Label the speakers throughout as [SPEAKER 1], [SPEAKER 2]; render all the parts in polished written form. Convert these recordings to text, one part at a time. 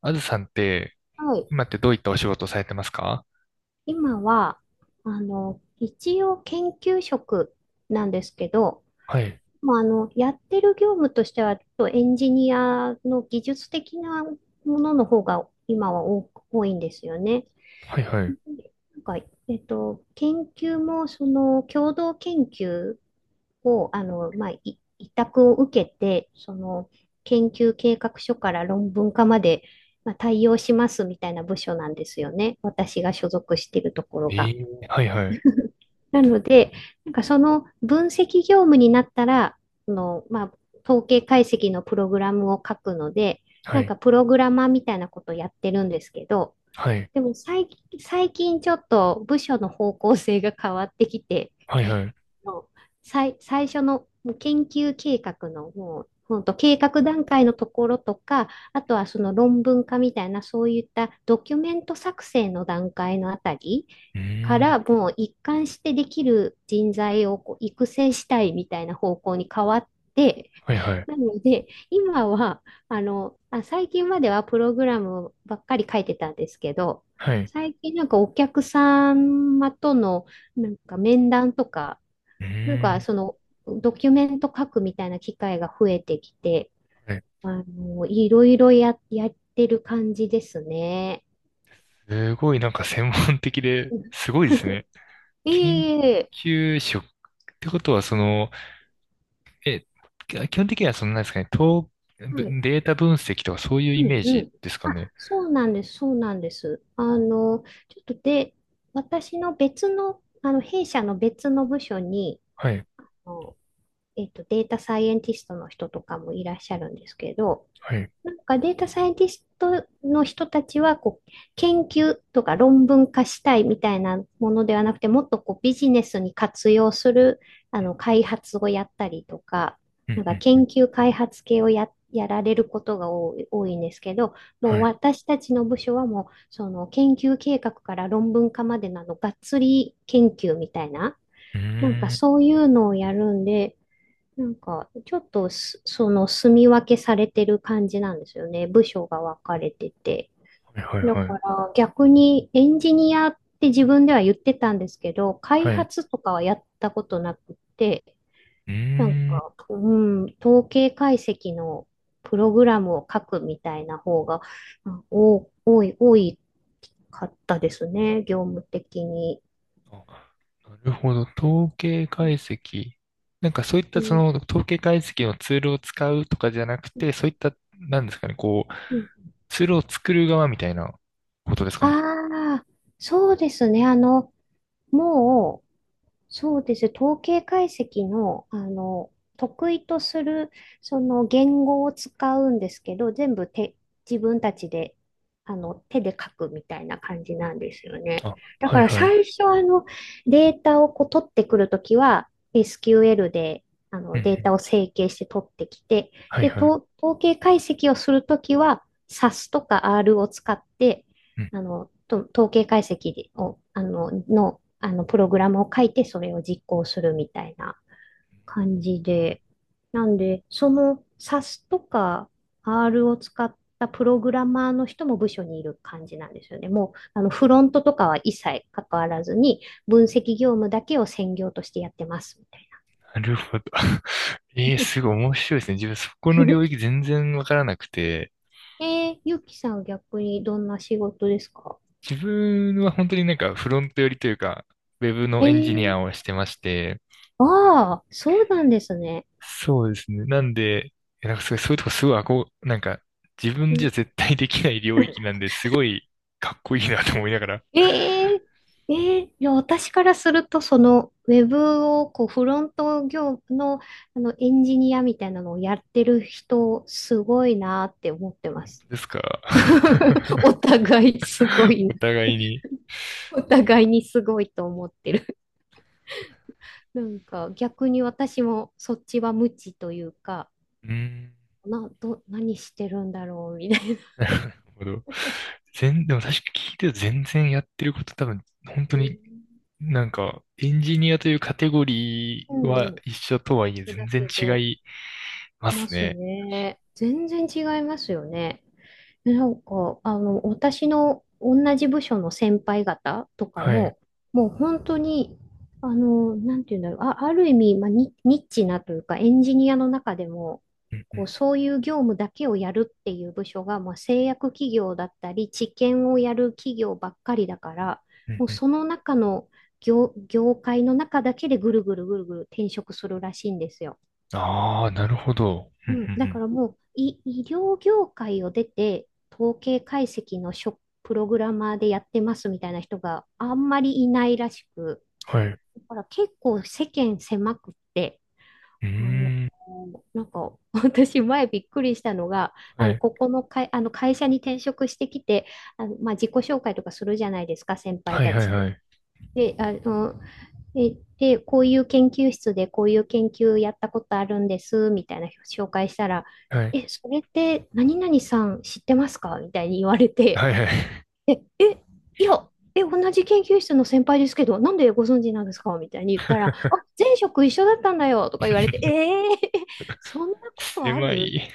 [SPEAKER 1] あずさんって、
[SPEAKER 2] はい。
[SPEAKER 1] 今ってどういったお仕事をされてますか？
[SPEAKER 2] 今は、一応研究職なんですけど、
[SPEAKER 1] はい、
[SPEAKER 2] まあ、やってる業務としては、ちょっとエンジニアの技術的なものの方が今は多いんですよね。
[SPEAKER 1] はい、はい。
[SPEAKER 2] なんか、研究も、その、共同研究を、まあ、委託を受けて、その、研究計画書から論文化まで、まあ、対応しますみたいな部署なんですよね。私が所属しているところ
[SPEAKER 1] え
[SPEAKER 2] が。
[SPEAKER 1] え、はい、はい、
[SPEAKER 2] なので、なんかその分析業務になったら、まあ、統計解析のプログラムを書くので、
[SPEAKER 1] は
[SPEAKER 2] なん
[SPEAKER 1] い、
[SPEAKER 2] かプログラマーみたいなことをやってるんですけど、
[SPEAKER 1] はい、
[SPEAKER 2] でも最近ちょっと部署の方向性が変わってきて、
[SPEAKER 1] はい、はい。う
[SPEAKER 2] もう最初のもう研究計画のもう、ほんと計画段階のところとか、あとはその論文化みたいな、そういったドキュメント作成の段階のあたり
[SPEAKER 1] ー
[SPEAKER 2] か
[SPEAKER 1] ん、
[SPEAKER 2] らもう一貫してできる人材をこう育成したいみたいな方向に変わって、
[SPEAKER 1] はい、はい、
[SPEAKER 2] なので今は最近まではプログラムばっかり書いてたんですけど、
[SPEAKER 1] はい。
[SPEAKER 2] 最近なんかお客様とのなんか面談とか、
[SPEAKER 1] う
[SPEAKER 2] なん
[SPEAKER 1] ー
[SPEAKER 2] か
[SPEAKER 1] ん、
[SPEAKER 2] そのドキュメント書くみたいな機会が増えてきて、
[SPEAKER 1] はい。
[SPEAKER 2] いろいろやってる感じですね。
[SPEAKER 1] すごいなんか専門的で、
[SPEAKER 2] うん。
[SPEAKER 1] すごいですね。
[SPEAKER 2] い
[SPEAKER 1] 研
[SPEAKER 2] えいえいえ。
[SPEAKER 1] 究職ってことは、その、え、基本的にはそのなんですかね、
[SPEAKER 2] はい。
[SPEAKER 1] データ分析とかそういう
[SPEAKER 2] う
[SPEAKER 1] イ
[SPEAKER 2] ん
[SPEAKER 1] メー
[SPEAKER 2] う
[SPEAKER 1] ジ
[SPEAKER 2] ん。
[SPEAKER 1] ですか
[SPEAKER 2] あ、
[SPEAKER 1] ね？
[SPEAKER 2] そうなんです、そうなんです。ちょっとで、私の別の、弊社の別の部署に、
[SPEAKER 1] はい、
[SPEAKER 2] あのデータサイエンティストの人とかもいらっしゃるんですけど、
[SPEAKER 1] はい。
[SPEAKER 2] なんかデータサイエンティストの人たちはこう研究とか論文化したいみたいなものではなくて、もっとこうビジネスに活用する開発をやったりとか、
[SPEAKER 1] う
[SPEAKER 2] な
[SPEAKER 1] ん、
[SPEAKER 2] ん
[SPEAKER 1] う
[SPEAKER 2] か
[SPEAKER 1] ん、う
[SPEAKER 2] 研
[SPEAKER 1] ん。
[SPEAKER 2] 究開発系をやられることが多いんですけど、
[SPEAKER 1] は
[SPEAKER 2] もう
[SPEAKER 1] い。
[SPEAKER 2] 私たちの部署はもうその研究計画から論文化までなのがっつり研究みたいな、
[SPEAKER 1] うー
[SPEAKER 2] なんか
[SPEAKER 1] ん、
[SPEAKER 2] そういうのをやるんで、なんか、ちょっとその、住み分けされてる感じなんですよね。部署が分かれてて。
[SPEAKER 1] はい、はい、
[SPEAKER 2] だ
[SPEAKER 1] はい。
[SPEAKER 2] から、逆にエンジニアって自分では言ってたんですけど、開
[SPEAKER 1] はい。
[SPEAKER 2] 発とかはやったことなくて、
[SPEAKER 1] う
[SPEAKER 2] なん
[SPEAKER 1] ーん。
[SPEAKER 2] か、統計解析のプログラムを書くみたいな方が、うんお、多いかったですね。業務的に。
[SPEAKER 1] あ、なるほど。統計解析。なんかそういっ
[SPEAKER 2] う
[SPEAKER 1] たそ
[SPEAKER 2] ん、
[SPEAKER 1] の統計解析のツールを使うとかじゃなくて、そういった、なんですかね、こう、
[SPEAKER 2] うん
[SPEAKER 1] ツールを作る側みたいなことですかね？
[SPEAKER 2] ああ、そうですね。もう、そうです。統計解析の、得意とする、その言語を使うんですけど、全部自分たちで、手で書くみたいな感じなんですよね。
[SPEAKER 1] あ、
[SPEAKER 2] だ
[SPEAKER 1] は
[SPEAKER 2] か
[SPEAKER 1] い
[SPEAKER 2] ら
[SPEAKER 1] はい。う
[SPEAKER 2] 最初、データをこう取ってくるときは、SQL で、
[SPEAKER 1] んうん。
[SPEAKER 2] データを整形して取ってきて、
[SPEAKER 1] はい
[SPEAKER 2] で、
[SPEAKER 1] はい。
[SPEAKER 2] 統計解析をするときは、SAS とか R を使って、
[SPEAKER 1] うん。
[SPEAKER 2] 統計解析を、あの、の、あの、プログラムを書いて、それを実行するみたいな感じで、なんで、その SAS とか R を使ったプログラマーの人も部署にいる感じなんですよね。もう、フロントとかは一切関わらずに、分析業務だけを専業としてやってます、みたい
[SPEAKER 1] なるほど。ええ、
[SPEAKER 2] な。
[SPEAKER 1] すごい面白いですね。自分そこの領域 全然わからなくて、
[SPEAKER 2] ゆきさんは逆にどんな仕事ですか？
[SPEAKER 1] 自分は本当になんかフロント寄りというか、ウェブの
[SPEAKER 2] え
[SPEAKER 1] エンジニ
[SPEAKER 2] ー、
[SPEAKER 1] アをしてまして、
[SPEAKER 2] ああ、そうなんですね。
[SPEAKER 1] そうですね。なんで、なんかすごい、そういうとこすごい憧れ、なんか自分じゃ
[SPEAKER 2] え
[SPEAKER 1] 絶対できない領域なんで、すごいかっこいいなと思いながら。
[SPEAKER 2] え えええいや、私からすると、その、ウェブを、こう、フロント業の、エンジニアみたいなのをやってる人、すごいなって思ってます。
[SPEAKER 1] ですか。
[SPEAKER 2] お 互いすごい、
[SPEAKER 1] お互いに。
[SPEAKER 2] お互いにすごいと思ってる。なんか、逆に私も、そっちは無知というか、
[SPEAKER 1] うーん、
[SPEAKER 2] 何してるんだろう、みたいな。
[SPEAKER 1] なるほど。でも確か聞いてると全然やってること多分、本当
[SPEAKER 2] えー
[SPEAKER 1] になんか、エンジニアというカテゴリ
[SPEAKER 2] う
[SPEAKER 1] ー
[SPEAKER 2] ん
[SPEAKER 1] は
[SPEAKER 2] う
[SPEAKER 1] 一緒とはいえ
[SPEAKER 2] ん。だ
[SPEAKER 1] 全然
[SPEAKER 2] け
[SPEAKER 1] 違
[SPEAKER 2] ど、
[SPEAKER 1] いま
[SPEAKER 2] ま
[SPEAKER 1] す
[SPEAKER 2] す
[SPEAKER 1] ね。
[SPEAKER 2] ね。全然違いますよね。なんか、私の同じ部署の先輩方とか
[SPEAKER 1] はい。
[SPEAKER 2] も、もう本当に、なんていうんだろう、あ、ある意味、まあ、ニッチなというか、エンジニアの中でも、
[SPEAKER 1] うんう
[SPEAKER 2] こ
[SPEAKER 1] ん
[SPEAKER 2] う、そういう業務だけをやるっていう部署が、まあ、製薬企業だったり、治験をやる企業ばっかりだから、
[SPEAKER 1] うん
[SPEAKER 2] もう
[SPEAKER 1] うん。
[SPEAKER 2] その中の業界の中だけでぐるぐるぐるぐる転職するらしいんですよ。
[SPEAKER 1] ああ、なるほど。うんう
[SPEAKER 2] うん、だか
[SPEAKER 1] ん
[SPEAKER 2] らもう医療業界を出て、統計解析のプログラマーでやってますみたいな人があんまりいないらしく、
[SPEAKER 1] うん。はい。う
[SPEAKER 2] だから結構世間狭くって、
[SPEAKER 1] ー
[SPEAKER 2] あの、
[SPEAKER 1] ん。
[SPEAKER 2] なんか 私前びっくりしたのが、
[SPEAKER 1] はい
[SPEAKER 2] ここの会、あの会社に転職してきて、まあ、自己紹介とかするじゃないですか、先輩
[SPEAKER 1] はい
[SPEAKER 2] た
[SPEAKER 1] はい
[SPEAKER 2] ちと。
[SPEAKER 1] はい。
[SPEAKER 2] で、こういう研究室でこういう研究やったことあるんです、みたいな紹介したら、
[SPEAKER 1] はい。
[SPEAKER 2] え、それって何々さん知ってますかみたいに言われて、
[SPEAKER 1] はいはい。
[SPEAKER 2] え、え、いや、同じ研究室の先輩ですけど、なんでご存知なんですかみたいに言ったら、あ、前職一緒だったんだよとか言われて、そんなことあ
[SPEAKER 1] 狭
[SPEAKER 2] る？
[SPEAKER 1] い。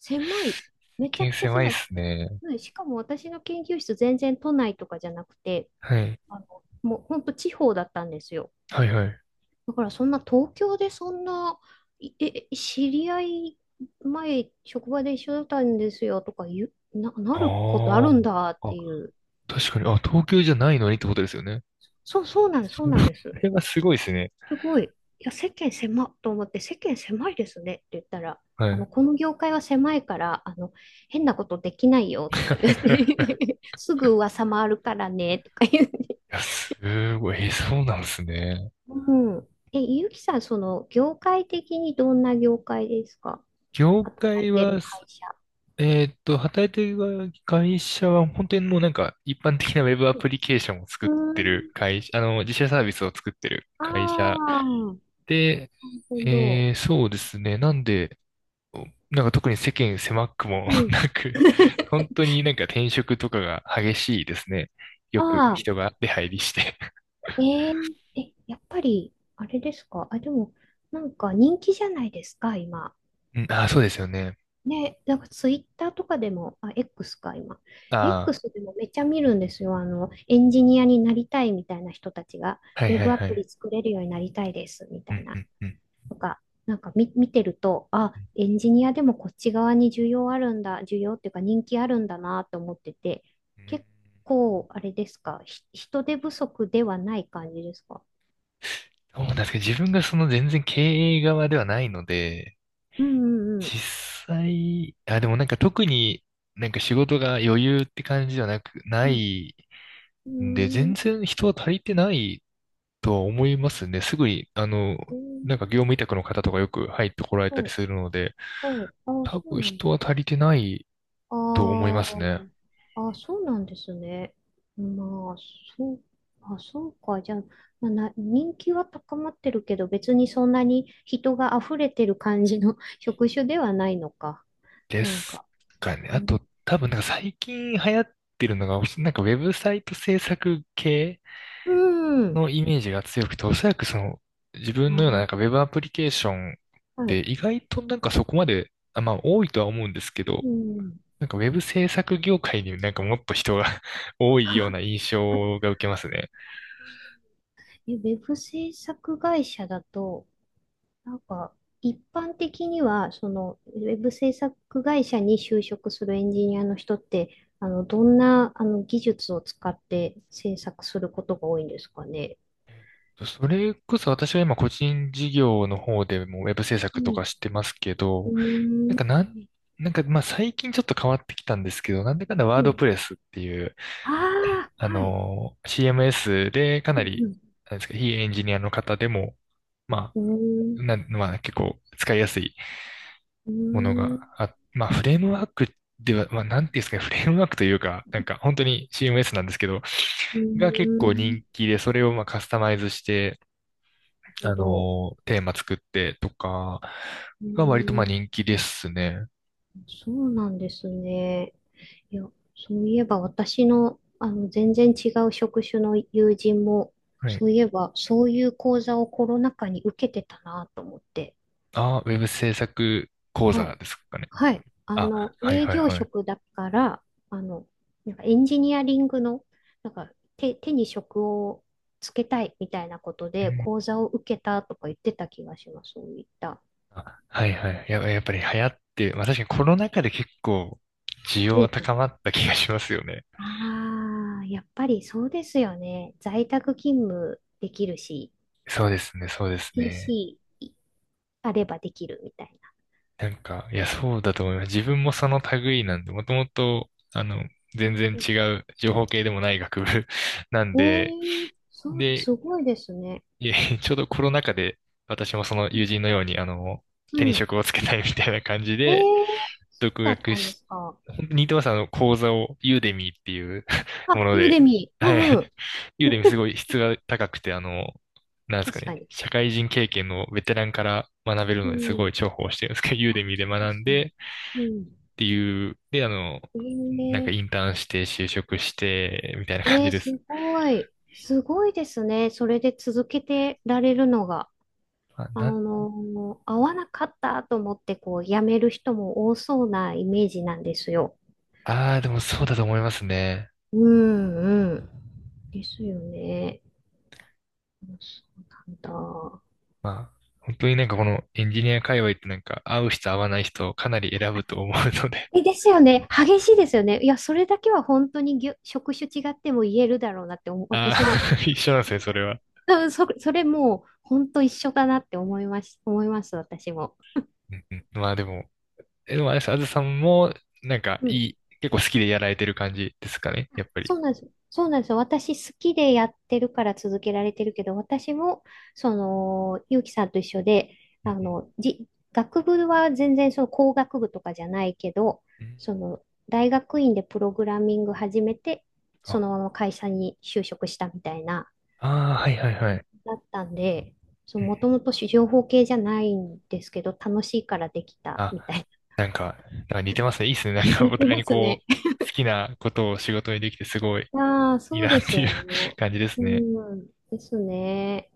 [SPEAKER 2] 狭い。
[SPEAKER 1] 世
[SPEAKER 2] めちゃ
[SPEAKER 1] 間
[SPEAKER 2] くちゃ
[SPEAKER 1] 狭いっ
[SPEAKER 2] 狭いし。
[SPEAKER 1] すね。
[SPEAKER 2] うん。しかも私の研究室全然都内とかじゃなくて、
[SPEAKER 1] はい。
[SPEAKER 2] もう本当地方だったんですよ。
[SPEAKER 1] はいはい。
[SPEAKER 2] だからそんな東京でそんな、いえ、え知り合い前、職場で一緒だったんですよとか言う、なることあ
[SPEAKER 1] あ
[SPEAKER 2] るんだっ
[SPEAKER 1] あ。あ、
[SPEAKER 2] ていう。
[SPEAKER 1] 確かに。あ、東京じゃないのにってことですよね。
[SPEAKER 2] そうなんです、
[SPEAKER 1] そ
[SPEAKER 2] そうなんです。
[SPEAKER 1] れはすごいですね。
[SPEAKER 2] すごい。いや、世間狭っと思って、世間狭いですねって言ったら、
[SPEAKER 1] はい。
[SPEAKER 2] この業界は狭いから、変なことできないよとか言って
[SPEAKER 1] い
[SPEAKER 2] すぐ噂回るからねとか言って。
[SPEAKER 1] や、すごい。そうなんですね。
[SPEAKER 2] うん。え、ゆきさん、その、業界的にどんな業界ですか？
[SPEAKER 1] 業
[SPEAKER 2] 働い
[SPEAKER 1] 界
[SPEAKER 2] てる
[SPEAKER 1] はす、
[SPEAKER 2] 会社。
[SPEAKER 1] えーっと、働いてる会社は本当にもうなんか一般的なウェブアプリケーションを
[SPEAKER 2] う
[SPEAKER 1] 作っ
[SPEAKER 2] ー
[SPEAKER 1] て
[SPEAKER 2] ん。
[SPEAKER 1] る会社、あの、自社サービスを作ってる
[SPEAKER 2] あ
[SPEAKER 1] 会社
[SPEAKER 2] あ、な
[SPEAKER 1] で、
[SPEAKER 2] るほ
[SPEAKER 1] え
[SPEAKER 2] ど。
[SPEAKER 1] え、そうですね。なんで、なんか特に世間狭くも
[SPEAKER 2] う ん。
[SPEAKER 1] なく、本当になんか転職とかが激しいですね。よく
[SPEAKER 2] あ
[SPEAKER 1] 人が出入りして
[SPEAKER 2] やっぱり、あれですか？あ、でも、なんか人気じゃないですか、今？
[SPEAKER 1] うん、ああ、そうですよね。
[SPEAKER 2] ね、なんかツイッターとかでも、あ、X か、今。
[SPEAKER 1] あ
[SPEAKER 2] X でもめっちゃ見るんですよ。エンジニアになりたいみたいな人たちが、
[SPEAKER 1] あ、はい
[SPEAKER 2] ウェ
[SPEAKER 1] はい
[SPEAKER 2] ブア
[SPEAKER 1] は
[SPEAKER 2] プ
[SPEAKER 1] い。
[SPEAKER 2] リ作れるようになりたいです、み
[SPEAKER 1] う
[SPEAKER 2] たい
[SPEAKER 1] ん、う
[SPEAKER 2] な。
[SPEAKER 1] ん、うん。
[SPEAKER 2] とか、なんか見てると、あ、
[SPEAKER 1] うん
[SPEAKER 2] エンジニアでもこっち側に需要あるんだ、需要っていうか人気あるんだなと思ってて、
[SPEAKER 1] うん、
[SPEAKER 2] 結構、あれですか、人手不足ではない感じですか？
[SPEAKER 1] そうなんですけど、自分がその全然経営側ではないので、
[SPEAKER 2] うんうん
[SPEAKER 1] 実際、あ、でもなんか特になんか仕事が余裕って感じじゃなく、
[SPEAKER 2] う
[SPEAKER 1] な
[SPEAKER 2] ん。
[SPEAKER 1] い
[SPEAKER 2] う
[SPEAKER 1] んで、全
[SPEAKER 2] ん。
[SPEAKER 1] 然人は足りてないとは思いますね。すぐに、あの、
[SPEAKER 2] うー
[SPEAKER 1] なん
[SPEAKER 2] ん。
[SPEAKER 1] か業務委託の方とかよく入ってこられた
[SPEAKER 2] そ
[SPEAKER 1] り
[SPEAKER 2] う、
[SPEAKER 1] するので、
[SPEAKER 2] そう、あ、
[SPEAKER 1] 多
[SPEAKER 2] そう
[SPEAKER 1] 分
[SPEAKER 2] なんだ。
[SPEAKER 1] 人は足りてないと思いま
[SPEAKER 2] あ
[SPEAKER 1] すね。
[SPEAKER 2] あ、あ、そうなんですね。まあ、そう、あ、そうか。じゃあ、まあ、人気は高まってるけど、別にそんなに人が溢れてる感じの 職種ではないのか。
[SPEAKER 1] で
[SPEAKER 2] なん
[SPEAKER 1] す
[SPEAKER 2] か。
[SPEAKER 1] かね。あと、多分なんか最近流行ってるのが、なんかウェブサイト制作系
[SPEAKER 2] うん。
[SPEAKER 1] のイメージが強くて、おそらくその自分のようななん
[SPEAKER 2] あ、
[SPEAKER 1] かウェブアプリケーションっ
[SPEAKER 2] は
[SPEAKER 1] て
[SPEAKER 2] い。
[SPEAKER 1] 意外となんかそこまで、あ、まあ多いとは思うんですけど、
[SPEAKER 2] うん。
[SPEAKER 1] なんかウェブ制作業界になんかもっと人が 多いような印
[SPEAKER 2] あ
[SPEAKER 1] 象が受けますね。
[SPEAKER 2] ウェブ制作会社だと、なんか、一般的には、その、ウェブ制作会社に就職するエンジニアの人って、どんな、技術を使って制作することが多いんですかね？
[SPEAKER 1] それこそ私は今個人事業の方でもウェブ制
[SPEAKER 2] う
[SPEAKER 1] 作と
[SPEAKER 2] ん。
[SPEAKER 1] かしてますけ
[SPEAKER 2] う
[SPEAKER 1] ど、なん
[SPEAKER 2] ー
[SPEAKER 1] かなん、なんかまあ最近ちょっと変わってきたんですけど、なんだかんだワードプ
[SPEAKER 2] ん。
[SPEAKER 1] レスっていう、
[SPEAKER 2] ああ、
[SPEAKER 1] あ
[SPEAKER 2] はい。
[SPEAKER 1] の、CMS でか
[SPEAKER 2] う
[SPEAKER 1] なり、
[SPEAKER 2] ん
[SPEAKER 1] なんですか、非エンジニアの方でも、ま
[SPEAKER 2] うん。
[SPEAKER 1] まあ結構使いやすい
[SPEAKER 2] うー
[SPEAKER 1] もの
[SPEAKER 2] ん。うー
[SPEAKER 1] が
[SPEAKER 2] ん。
[SPEAKER 1] あ、まあフレームワークでは、まあなんていうんですかね、フレームワークというか、なんか本当に CMS なんですけど、
[SPEAKER 2] うー
[SPEAKER 1] が結構
[SPEAKER 2] ん。なる
[SPEAKER 1] 人気で、それをまあカスタマイズして、
[SPEAKER 2] ほ
[SPEAKER 1] あ
[SPEAKER 2] ど。
[SPEAKER 1] の、テーマ作ってとか
[SPEAKER 2] う
[SPEAKER 1] が割とま
[SPEAKER 2] ー
[SPEAKER 1] あ
[SPEAKER 2] ん。
[SPEAKER 1] 人気ですね。
[SPEAKER 2] そうなんですね。いや、そういえば私の、全然違う職種の友人も、
[SPEAKER 1] はい。
[SPEAKER 2] そういえば、そういう講座をコロナ禍に受けてたなと思って。
[SPEAKER 1] あ、ウェブ制作講
[SPEAKER 2] は
[SPEAKER 1] 座
[SPEAKER 2] い。
[SPEAKER 1] ですかね？
[SPEAKER 2] はい。
[SPEAKER 1] あ、はい
[SPEAKER 2] 営
[SPEAKER 1] はい
[SPEAKER 2] 業
[SPEAKER 1] はい。
[SPEAKER 2] 職だから、あの、なんかエンジニアリングの、なんか手に職をつけたいみたいなこと
[SPEAKER 1] う
[SPEAKER 2] で
[SPEAKER 1] ん、
[SPEAKER 2] 講座を受けたとか言ってた気がします。そういった。
[SPEAKER 1] あ、はいはい。やっぱり流行って、まあ確かにコロナ禍で結構需要
[SPEAKER 2] 増
[SPEAKER 1] が
[SPEAKER 2] えた。
[SPEAKER 1] 高まった気がしますよね。
[SPEAKER 2] ああ、やっぱりそうですよね。在宅勤務できるし、
[SPEAKER 1] そうですね、そうですね。
[SPEAKER 2] PC あればできるみたい
[SPEAKER 1] なんか、いや、そうだと思います。自分もその類なんで、もともと、あの、全然
[SPEAKER 2] な。う
[SPEAKER 1] 違
[SPEAKER 2] ん。
[SPEAKER 1] う情報系でもない学部 なん
[SPEAKER 2] え
[SPEAKER 1] で、
[SPEAKER 2] え、そうだ、
[SPEAKER 1] で、
[SPEAKER 2] すごいですね。
[SPEAKER 1] いえ、ちょうどコロナ禍で、私もその友人のように、あの、
[SPEAKER 2] う
[SPEAKER 1] 手に
[SPEAKER 2] ん。
[SPEAKER 1] 職をつけたいみたいな感じ
[SPEAKER 2] え
[SPEAKER 1] で、
[SPEAKER 2] え、
[SPEAKER 1] 独
[SPEAKER 2] だっ
[SPEAKER 1] 学
[SPEAKER 2] たんで
[SPEAKER 1] し、
[SPEAKER 2] すか？
[SPEAKER 1] 本当に似てます、あの、講座を、ユーデミーっていう も
[SPEAKER 2] あ、
[SPEAKER 1] の
[SPEAKER 2] ユーデ
[SPEAKER 1] で、
[SPEAKER 2] ミー。う
[SPEAKER 1] は
[SPEAKER 2] んうん。
[SPEAKER 1] い。ユーデミーすごい質が高くて、あの、なんですか
[SPEAKER 2] 確か
[SPEAKER 1] ね、
[SPEAKER 2] に。
[SPEAKER 1] 社会人経験のベテランから学べる
[SPEAKER 2] う
[SPEAKER 1] のですご
[SPEAKER 2] ん。
[SPEAKER 1] い重宝してるんですけど、ユー
[SPEAKER 2] あ、
[SPEAKER 1] デミーで学
[SPEAKER 2] 確
[SPEAKER 1] ん
[SPEAKER 2] か
[SPEAKER 1] で
[SPEAKER 2] に。
[SPEAKER 1] っ
[SPEAKER 2] うん。
[SPEAKER 1] ていう、で、あの、なんかイン
[SPEAKER 2] ええ
[SPEAKER 1] ターンして就職して、みたいな感
[SPEAKER 2] え
[SPEAKER 1] じ
[SPEAKER 2] え、
[SPEAKER 1] です。
[SPEAKER 2] すごい。すごいですね。それで続けてられるのが。
[SPEAKER 1] あ、な、
[SPEAKER 2] 合わなかったと思ってこう辞める人も多そうなイメージなんですよ。
[SPEAKER 1] ああ、でもそうだと思いますね。
[SPEAKER 2] うんうん。ですよね。そうなんだ。
[SPEAKER 1] まあ、本当になんかこのエンジニア界隈ってなんか合う人合わない人をかなり選ぶと思うので。
[SPEAKER 2] え、ですよね。激しいですよね。いや、それだけは本当に職種違っても言えるだろうなって思う、
[SPEAKER 1] あ
[SPEAKER 2] 私も、
[SPEAKER 1] あ、一緒なんですね、それは。
[SPEAKER 2] うん、それもう本当一緒だなって思います、思います、私も。
[SPEAKER 1] うんうん、まあでも、でもあれです、あずさんもなんか
[SPEAKER 2] うん、
[SPEAKER 1] いい、結構好きでやられてる感じですかね、やっぱ
[SPEAKER 2] そ
[SPEAKER 1] り？
[SPEAKER 2] うなんです。そうなんですよ。私好きでやってるから続けられてるけど、私も、その、ゆうきさんと一緒で、
[SPEAKER 1] う
[SPEAKER 2] あ
[SPEAKER 1] ん
[SPEAKER 2] の、じ、学部は全然その工学部とかじゃないけど、
[SPEAKER 1] うんうん、
[SPEAKER 2] その、大学院でプログラミング始めて、そ
[SPEAKER 1] あ
[SPEAKER 2] のまま会社に就職したみたいな、
[SPEAKER 1] あー、はいはいはい。
[SPEAKER 2] だったんで、そう、
[SPEAKER 1] う
[SPEAKER 2] も
[SPEAKER 1] ん、
[SPEAKER 2] ともと情報系じゃないんですけど、楽しいからできた
[SPEAKER 1] あ、
[SPEAKER 2] みたいな。
[SPEAKER 1] なんか、なんか似てますね。いいっすね。なんか
[SPEAKER 2] 似
[SPEAKER 1] お
[SPEAKER 2] て
[SPEAKER 1] 互い
[SPEAKER 2] ま
[SPEAKER 1] に
[SPEAKER 2] す
[SPEAKER 1] こ
[SPEAKER 2] ね。
[SPEAKER 1] う、好きなことを仕事にできてすごい
[SPEAKER 2] ああ、
[SPEAKER 1] いい
[SPEAKER 2] そう
[SPEAKER 1] な
[SPEAKER 2] で
[SPEAKER 1] っ
[SPEAKER 2] す
[SPEAKER 1] てい
[SPEAKER 2] よ
[SPEAKER 1] う
[SPEAKER 2] ね。
[SPEAKER 1] 感じで
[SPEAKER 2] う
[SPEAKER 1] すね。
[SPEAKER 2] ん、ですね。